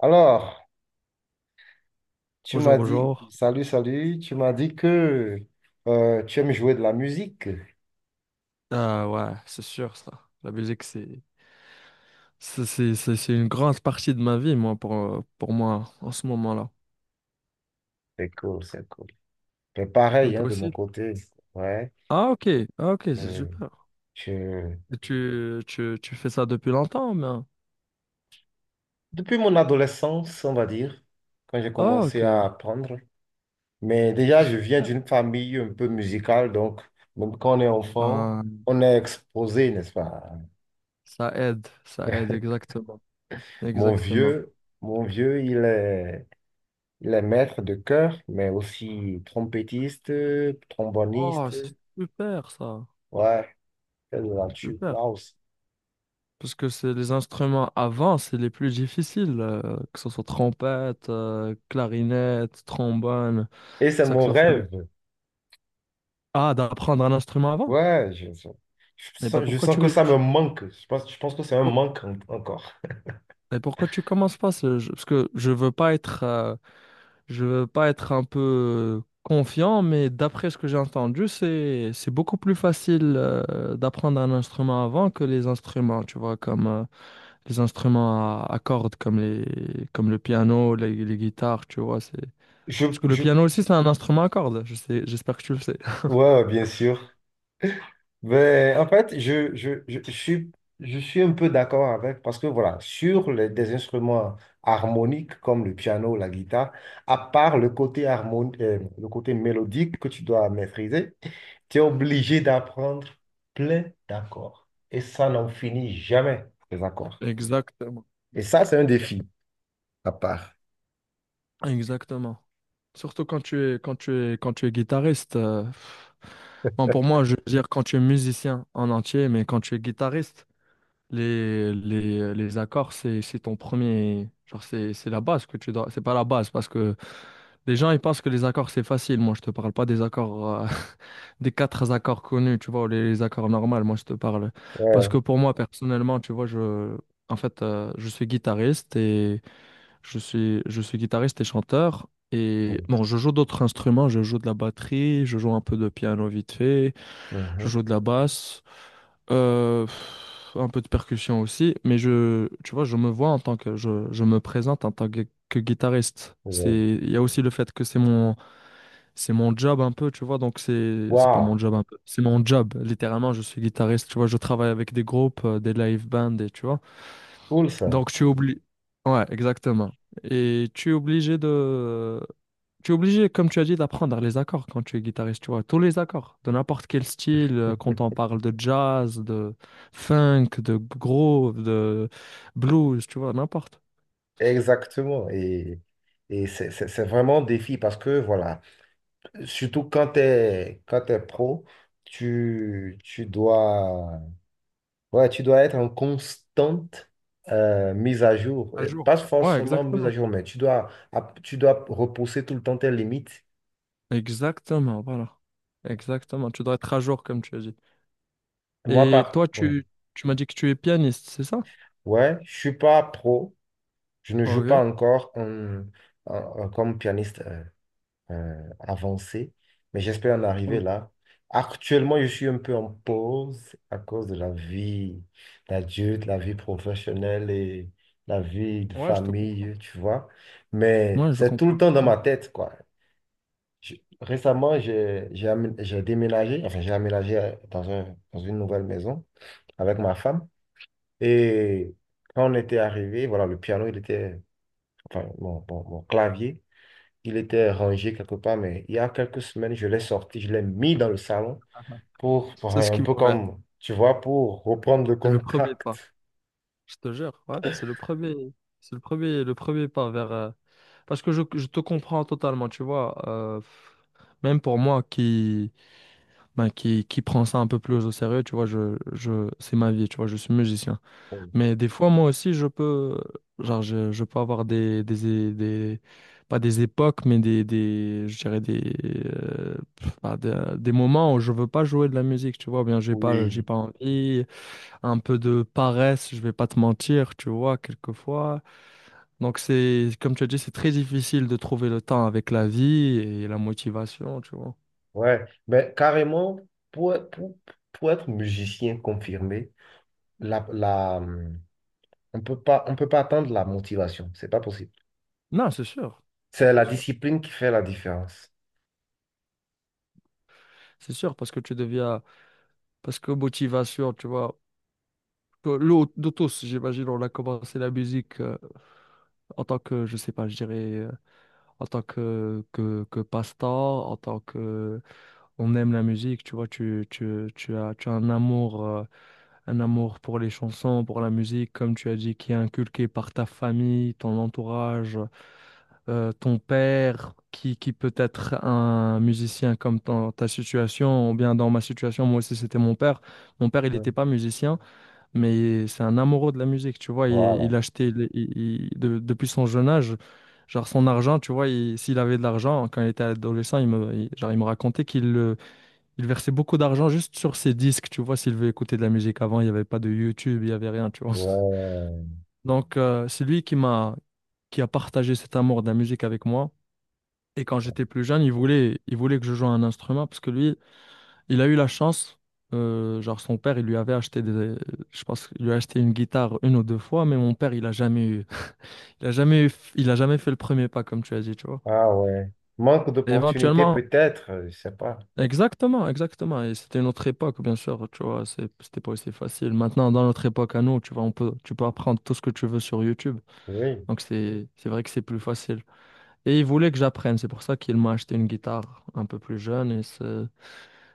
Alors, tu Bonjour, m'as dit, bonjour. salut, salut, tu m'as dit que tu aimes jouer de la musique. Ah ouais, c'est sûr ça. La musique, c'est une grande partie de ma vie, moi, pour moi, en ce moment-là. C'est cool, c'est cool. Mais Et pareil, hein, toi de mon aussi? côté, ouais. Ah ok, ah, ok, c'est euh, super. je- Et tu fais ça depuis longtemps, hein? Depuis mon adolescence, on va dire, quand j'ai Ah commencé ok. à apprendre, mais déjà, je viens Super. d'une famille un peu musicale, donc même quand on est enfant, Ah, on est exposé, n'est-ce pas? Ça aide, exactement. Mon Exactement. vieux, mon vieux, il est... Il est maître de chœur, mais aussi trompettiste, Oh, tromboniste. c'est super ça. Ouais, là, C'est tu super. waouh. Parce que c'est les instruments avant, c'est les plus difficiles, que ce soit trompette, clarinette, trombone, Et c'est mon saxophone. rêve. Ah, d'apprendre un instrument avant? Ouais, Eh ben je pourquoi sens que ça me manque. Je pense que c'est un pour- manque encore. Pourquoi tu commences pas ce jeu? Parce que je veux pas être je veux pas être un peu confiant, mais d'après ce que j'ai entendu, c'est beaucoup plus facile d'apprendre un instrument avant que les instruments, tu vois, comme les instruments à cordes comme le piano, les guitares, tu vois, c'est Je, parce que le je, piano aussi c'est un instrument à cordes, je sais, j'espère que tu le sais. ouais, bien sûr. Ben, en fait, je suis un peu d'accord avec, parce que voilà, sur des instruments harmoniques comme le piano, la guitare, à part le le côté mélodique que tu dois maîtriser, tu es obligé d'apprendre plein d'accords. Et ça n'en finit jamais, les accords. Exactement. Et ça, c'est un Exactement. défi à part. Exactement. Surtout quand tu es, quand tu es, quand tu es guitariste. Pff. Bon, pour moi, je veux dire quand tu es musicien en entier, mais quand tu es guitariste, les accords, c'est ton premier. Genre, c'est la base que tu dois. C'est pas la base, parce que les gens, ils pensent que les accords, c'est facile. Moi, je te parle pas des accords, des quatre accords connus, tu vois, ou les accords normaux. Moi, je te parle. Parce Ouais. que pour moi, personnellement, tu vois, je. En fait, je suis guitariste et je suis guitariste et chanteur. Et Ouais. bon, je joue d'autres instruments. Je joue de la batterie, je joue un peu de piano vite fait, je Mhm. joue de la basse, euh, un peu de percussion aussi. Mais je, tu vois, je me vois en tant que, je me présente en tant que guitariste. Ouais. C'est, il y a aussi le fait que c'est mon job un peu, tu vois. Donc c'est pas Waouh, mon job un peu, c'est mon job. Littéralement, je suis guitariste. Tu vois, je travaille avec des groupes, des live bands, et tu vois. cool ça. Donc tu oublies. Ouais, exactement. Et tu es obligé de. Tu es obligé, comme tu as dit, d'apprendre les accords quand tu es guitariste, tu vois, tous les accords, de n'importe quel style, quand on parle de jazz, de funk, de groove, de blues, tu vois, n'importe. Exactement. Et c'est vraiment un défi parce que voilà. Surtout quand tu es, quand t'es pro, tu dois, ouais, tu dois être en constante mise à jour. À Et jour. pas Ouais, forcément mise à exactement. jour, mais tu dois repousser tout le temps tes limites. Exactement, voilà. Exactement, tu dois être à jour, comme tu as dit. Moi, Et par... toi, ouais. Tu m'as dit que tu es pianiste, c'est ça? Ouais, je suis pas pro, je ne joue Ok. pas encore en- comme pianiste. Avancé, mais j'espère en arriver Ok. là. Actuellement, je suis un peu en pause à cause de la vie d'adulte, la vie professionnelle et la vie de Ouais, je te comprends. famille, tu vois. Mais Ouais, je c'est tout le comprends temps dans totalement. ma tête, quoi. Je- Récemment, j'ai déménagé, enfin, j'ai aménagé dans un, dans une nouvelle maison avec ma femme. Et quand on était arrivé, voilà, le piano, il était, enfin, mon clavier. Il était rangé quelque part, mais il y a quelques semaines, je l'ai sorti, je l'ai mis dans le salon pour C'est ce un qu'il peu faut faire. comme, tu vois, pour reprendre le C'est le premier pas. contact. Je te jure, ouais, c'est le premier pas vers. Parce que je te comprends totalement, tu vois. Même pour moi qui, ben, qui prend ça un peu plus au sérieux, tu vois, je, c'est ma vie, tu vois, je suis musicien. Mais des fois, moi aussi, je peux, genre, je peux avoir pas des époques, mais je dirais des, bah, des moments où je veux pas jouer de la musique, tu vois, ou bien j'ai Oui, pas envie, un peu de paresse, je vais pas te mentir, tu vois, quelquefois. Donc c'est, comme tu as dit, c'est très difficile de trouver le temps avec la vie et la motivation, tu vois. ouais. Mais carrément, pour, pour, pour être musicien confirmé, la, la, hum, on peut pas attendre la motivation. C'est pas possible. Non, c'est sûr. Non, C'est c'est la sûr. discipline qui fait la différence. C'est sûr parce que tu deviens, parce que motivation, tu vois, de tous, j'imagine, on a commencé la musique en tant que, je sais pas, je dirais, en tant que, que passe-temps, en tant que, on aime la musique, tu vois, tu as un amour. Un amour pour les chansons, pour la musique, comme tu as dit, qui est inculqué par ta famille, ton entourage, ton père, qui peut être un musicien comme dans ta situation, ou bien dans ma situation, moi aussi c'était mon père. Mon père, il Ouais. n'était pas musicien, mais c'est un amoureux de la musique, tu vois, Voilà. il achetait, il- de- depuis son jeune âge. Genre son argent, tu vois, s'il avait de l'argent, quand il était adolescent, genre, il me racontait qu'il le il versait beaucoup d'argent juste sur ses disques, tu vois, s'il veut écouter de la musique. Avant, il n'y avait pas de YouTube, il n'y avait rien, tu vois. Ouais. Donc, c'est lui qui m'a, qui a partagé cet amour de la musique avec moi. Et quand j'étais plus jeune, il voulait que je joue un instrument parce que lui, il a eu la chance, genre son père, il lui avait acheté des, je pense qu'il lui a acheté une guitare une ou deux fois, mais mon père, il a jamais fait le premier pas, comme tu as dit, tu vois. Ah ouais. Manque Et d'opportunités éventuellement, peut-être, je sais pas. exactement, exactement. Et c'était une autre époque, bien sûr, tu vois, c'était pas aussi facile. Maintenant, dans notre époque à nous, tu vois, tu peux apprendre tout ce que tu veux sur YouTube. Oui. Donc, c'est vrai que c'est plus facile. Et il voulait que j'apprenne, c'est pour ça qu'il m'a acheté une guitare un peu plus jeune. Et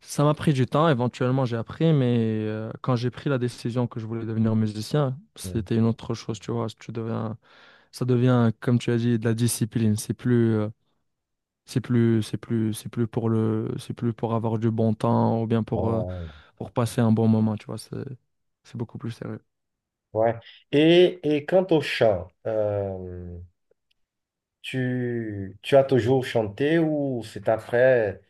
ça m'a pris du temps, éventuellement j'ai appris, mais quand j'ai pris la décision que je voulais devenir musicien, c'était une autre chose, tu vois. Tu deviens, ça devient, comme tu as dit, de la discipline. C'est plus, c'est plus, c'est plus, c'est plus pour le, c'est plus pour avoir du bon temps ou bien pour. Ouais. Pour passer un bon moment, tu vois, c'est beaucoup plus sérieux. Ouais. Et quant au chant, tu, tu as toujours chanté ou c'est après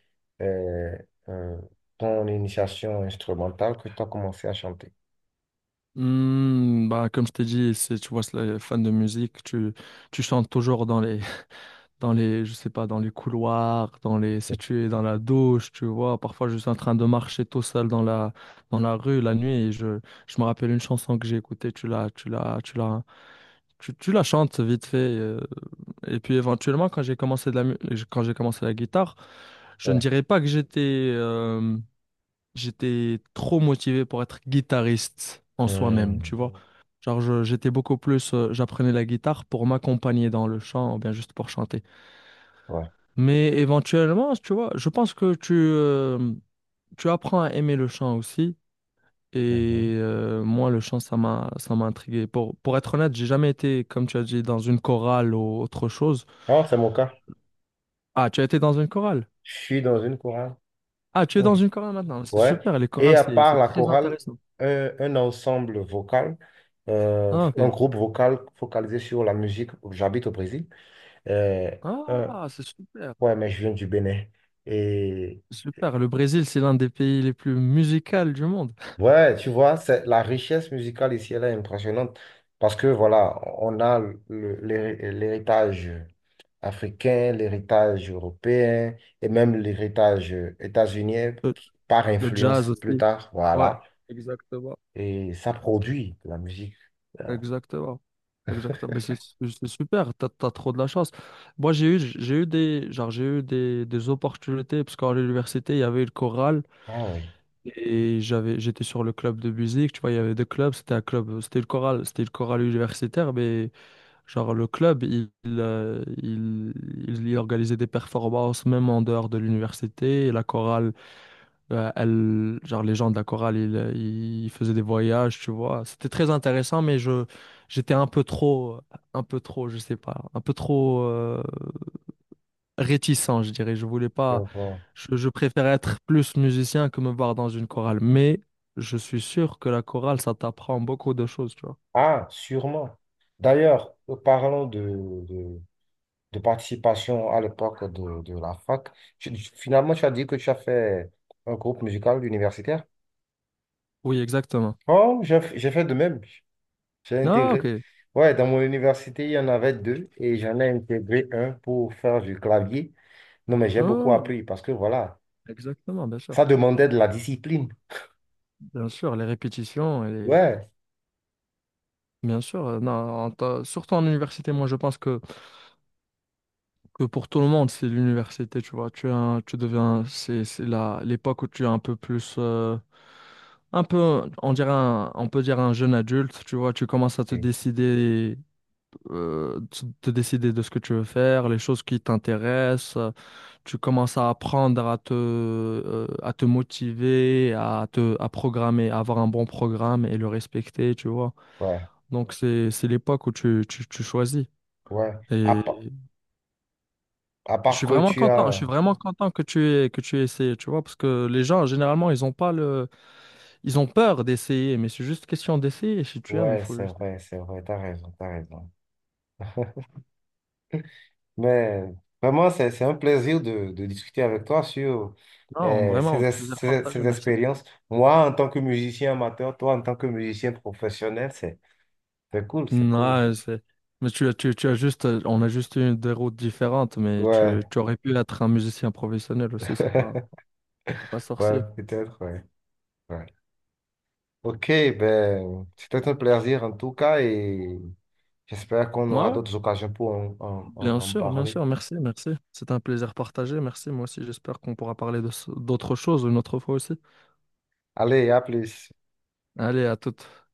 euh, euh, ton initiation instrumentale que tu as commencé à chanter? Hmm, bah, comme je t'ai dit, c'est, tu vois, c'est les fans de musique, tu chantes toujours dans les, dans les, je sais pas, dans les couloirs, dans les, si tu es dans la douche, tu vois, parfois je suis en train de marcher tout seul dans la rue la nuit et je me rappelle une chanson que j'ai écoutée, tu la chantes vite fait. Et puis éventuellement, quand j'ai commencé la guitare, je ne Ouais. dirais pas que j'étais, euh, j'étais trop motivé pour être guitariste en soi-même, tu Hmm. vois. Genre, j'étais beaucoup plus, j'apprenais la guitare pour m'accompagner dans le chant, ou bien juste pour chanter. Ouais. Mais éventuellement, tu vois, je pense que tu, tu apprends à aimer le chant aussi. Et Mhm. Moi, le chant, ça m'a intrigué. Pour être honnête, j'ai jamais été, comme tu as dit, dans une chorale ou autre chose. Ah, c'est mon cas. Ah, tu as été dans une chorale? Je suis dans une chorale. Ah, tu es dans Ouais. une chorale maintenant. C'est Ouais. super, les Et chorales, à part c'est la très chorale, intéressant. Un ensemble vocal, Ah, un ok. groupe vocal focalisé sur la musique. J'habite au Brésil. Euh, un- Ah, c'est super. ouais, mais je viens du Bénin. Et Super, le Brésil, c'est l'un des pays les plus musicaux du monde. ouais, tu vois, c'est la richesse musicale ici, elle est impressionnante parce que voilà, on a l'héritage africain, l'héritage européen et même l'héritage états-unien Le, qui- par le jazz influence plus aussi. tard, Ouais, voilà. exactement. Et ça produit de la musique. Exactement. Exactement. Mais super, t'as trop de la chance. Moi, j'ai eu des, genre, j'ai eu des opportunités, parce qu'à l'université, il y avait une chorale, Ah oui. et j'avais, j'étais sur le club de musique, tu vois, il y avait deux clubs, c'était un club, c'était une chorale universitaire, mais genre, le club, il organisait des performances, même en dehors de l'université, et la chorale, euh, elle, genre les gens de la chorale, ils faisaient des voyages, tu vois. C'était très intéressant, mais je, j'étais un peu trop, je sais pas, un peu trop réticent, je dirais. Je voulais pas, Donc, je préférais être plus musicien que me voir dans une chorale. Mais je suis sûr que la chorale, ça t'apprend beaucoup de choses, tu vois. ah, sûrement. D'ailleurs, parlons de, de participation à l'époque de la fac. Finalement, tu as dit que tu as fait un groupe musical universitaire. Oui, exactement. Oh, j'ai fait de même. J'ai Ah, intégré. ok. Ouais, dans mon université, il y en avait deux et j'en ai intégré un pour faire du clavier. Non, mais j'ai beaucoup Ah, appris parce que voilà, exactement, bien sûr. ça demandait de la discipline. Bien sûr, les répétitions, et les... Ouais, bien sûr. Non, surtout en université, moi, je pense que pour tout le monde, c'est l'université, tu vois. Tu deviens, c'est la, l'époque où tu es un peu plus, un peu, on peut dire un jeune adulte, tu vois. Tu commences à te oui, décider, te décider de ce que tu veux faire, les choses qui t'intéressent. Tu commences à apprendre à te motiver, à te, à programmer, à avoir un bon programme et le respecter, tu vois. ouais, Donc c'est l'époque où tu choisis. ouais. À, pa- à part que tu Je as. suis vraiment content que tu aies essayé, tu vois, parce que les gens, généralement, ils ont pas le, ils ont peur d'essayer, mais c'est juste question d'essayer, si tu aimes, il Ouais, faut juste... c'est vrai, t'as raison, t'as raison. Mais vraiment, c'est un plaisir de discuter avec toi sur Non, ces, vraiment, plaisir partagé, ces merci. expériences. Moi, en tant que musicien amateur, toi, en tant que musicien professionnel, c'est. C'est cool, c'est cool. Non, c'est... Mais tu as juste, on a juste eu des routes différentes, mais Ouais, tu aurais pu être un musicien professionnel aussi, c'est pas ouais, sorcier. peut-être, ouais. Ouais. Ok, ben, c'était un plaisir en tout cas et j'espère qu'on Ouais, aura ouais, d'autres occasions pour en, en bien parler. sûr, merci, merci. C'est un plaisir partagé, merci, moi aussi, j'espère qu'on pourra parler de, d'autres choses une autre fois aussi. Allez, à plus. Allez, à toute.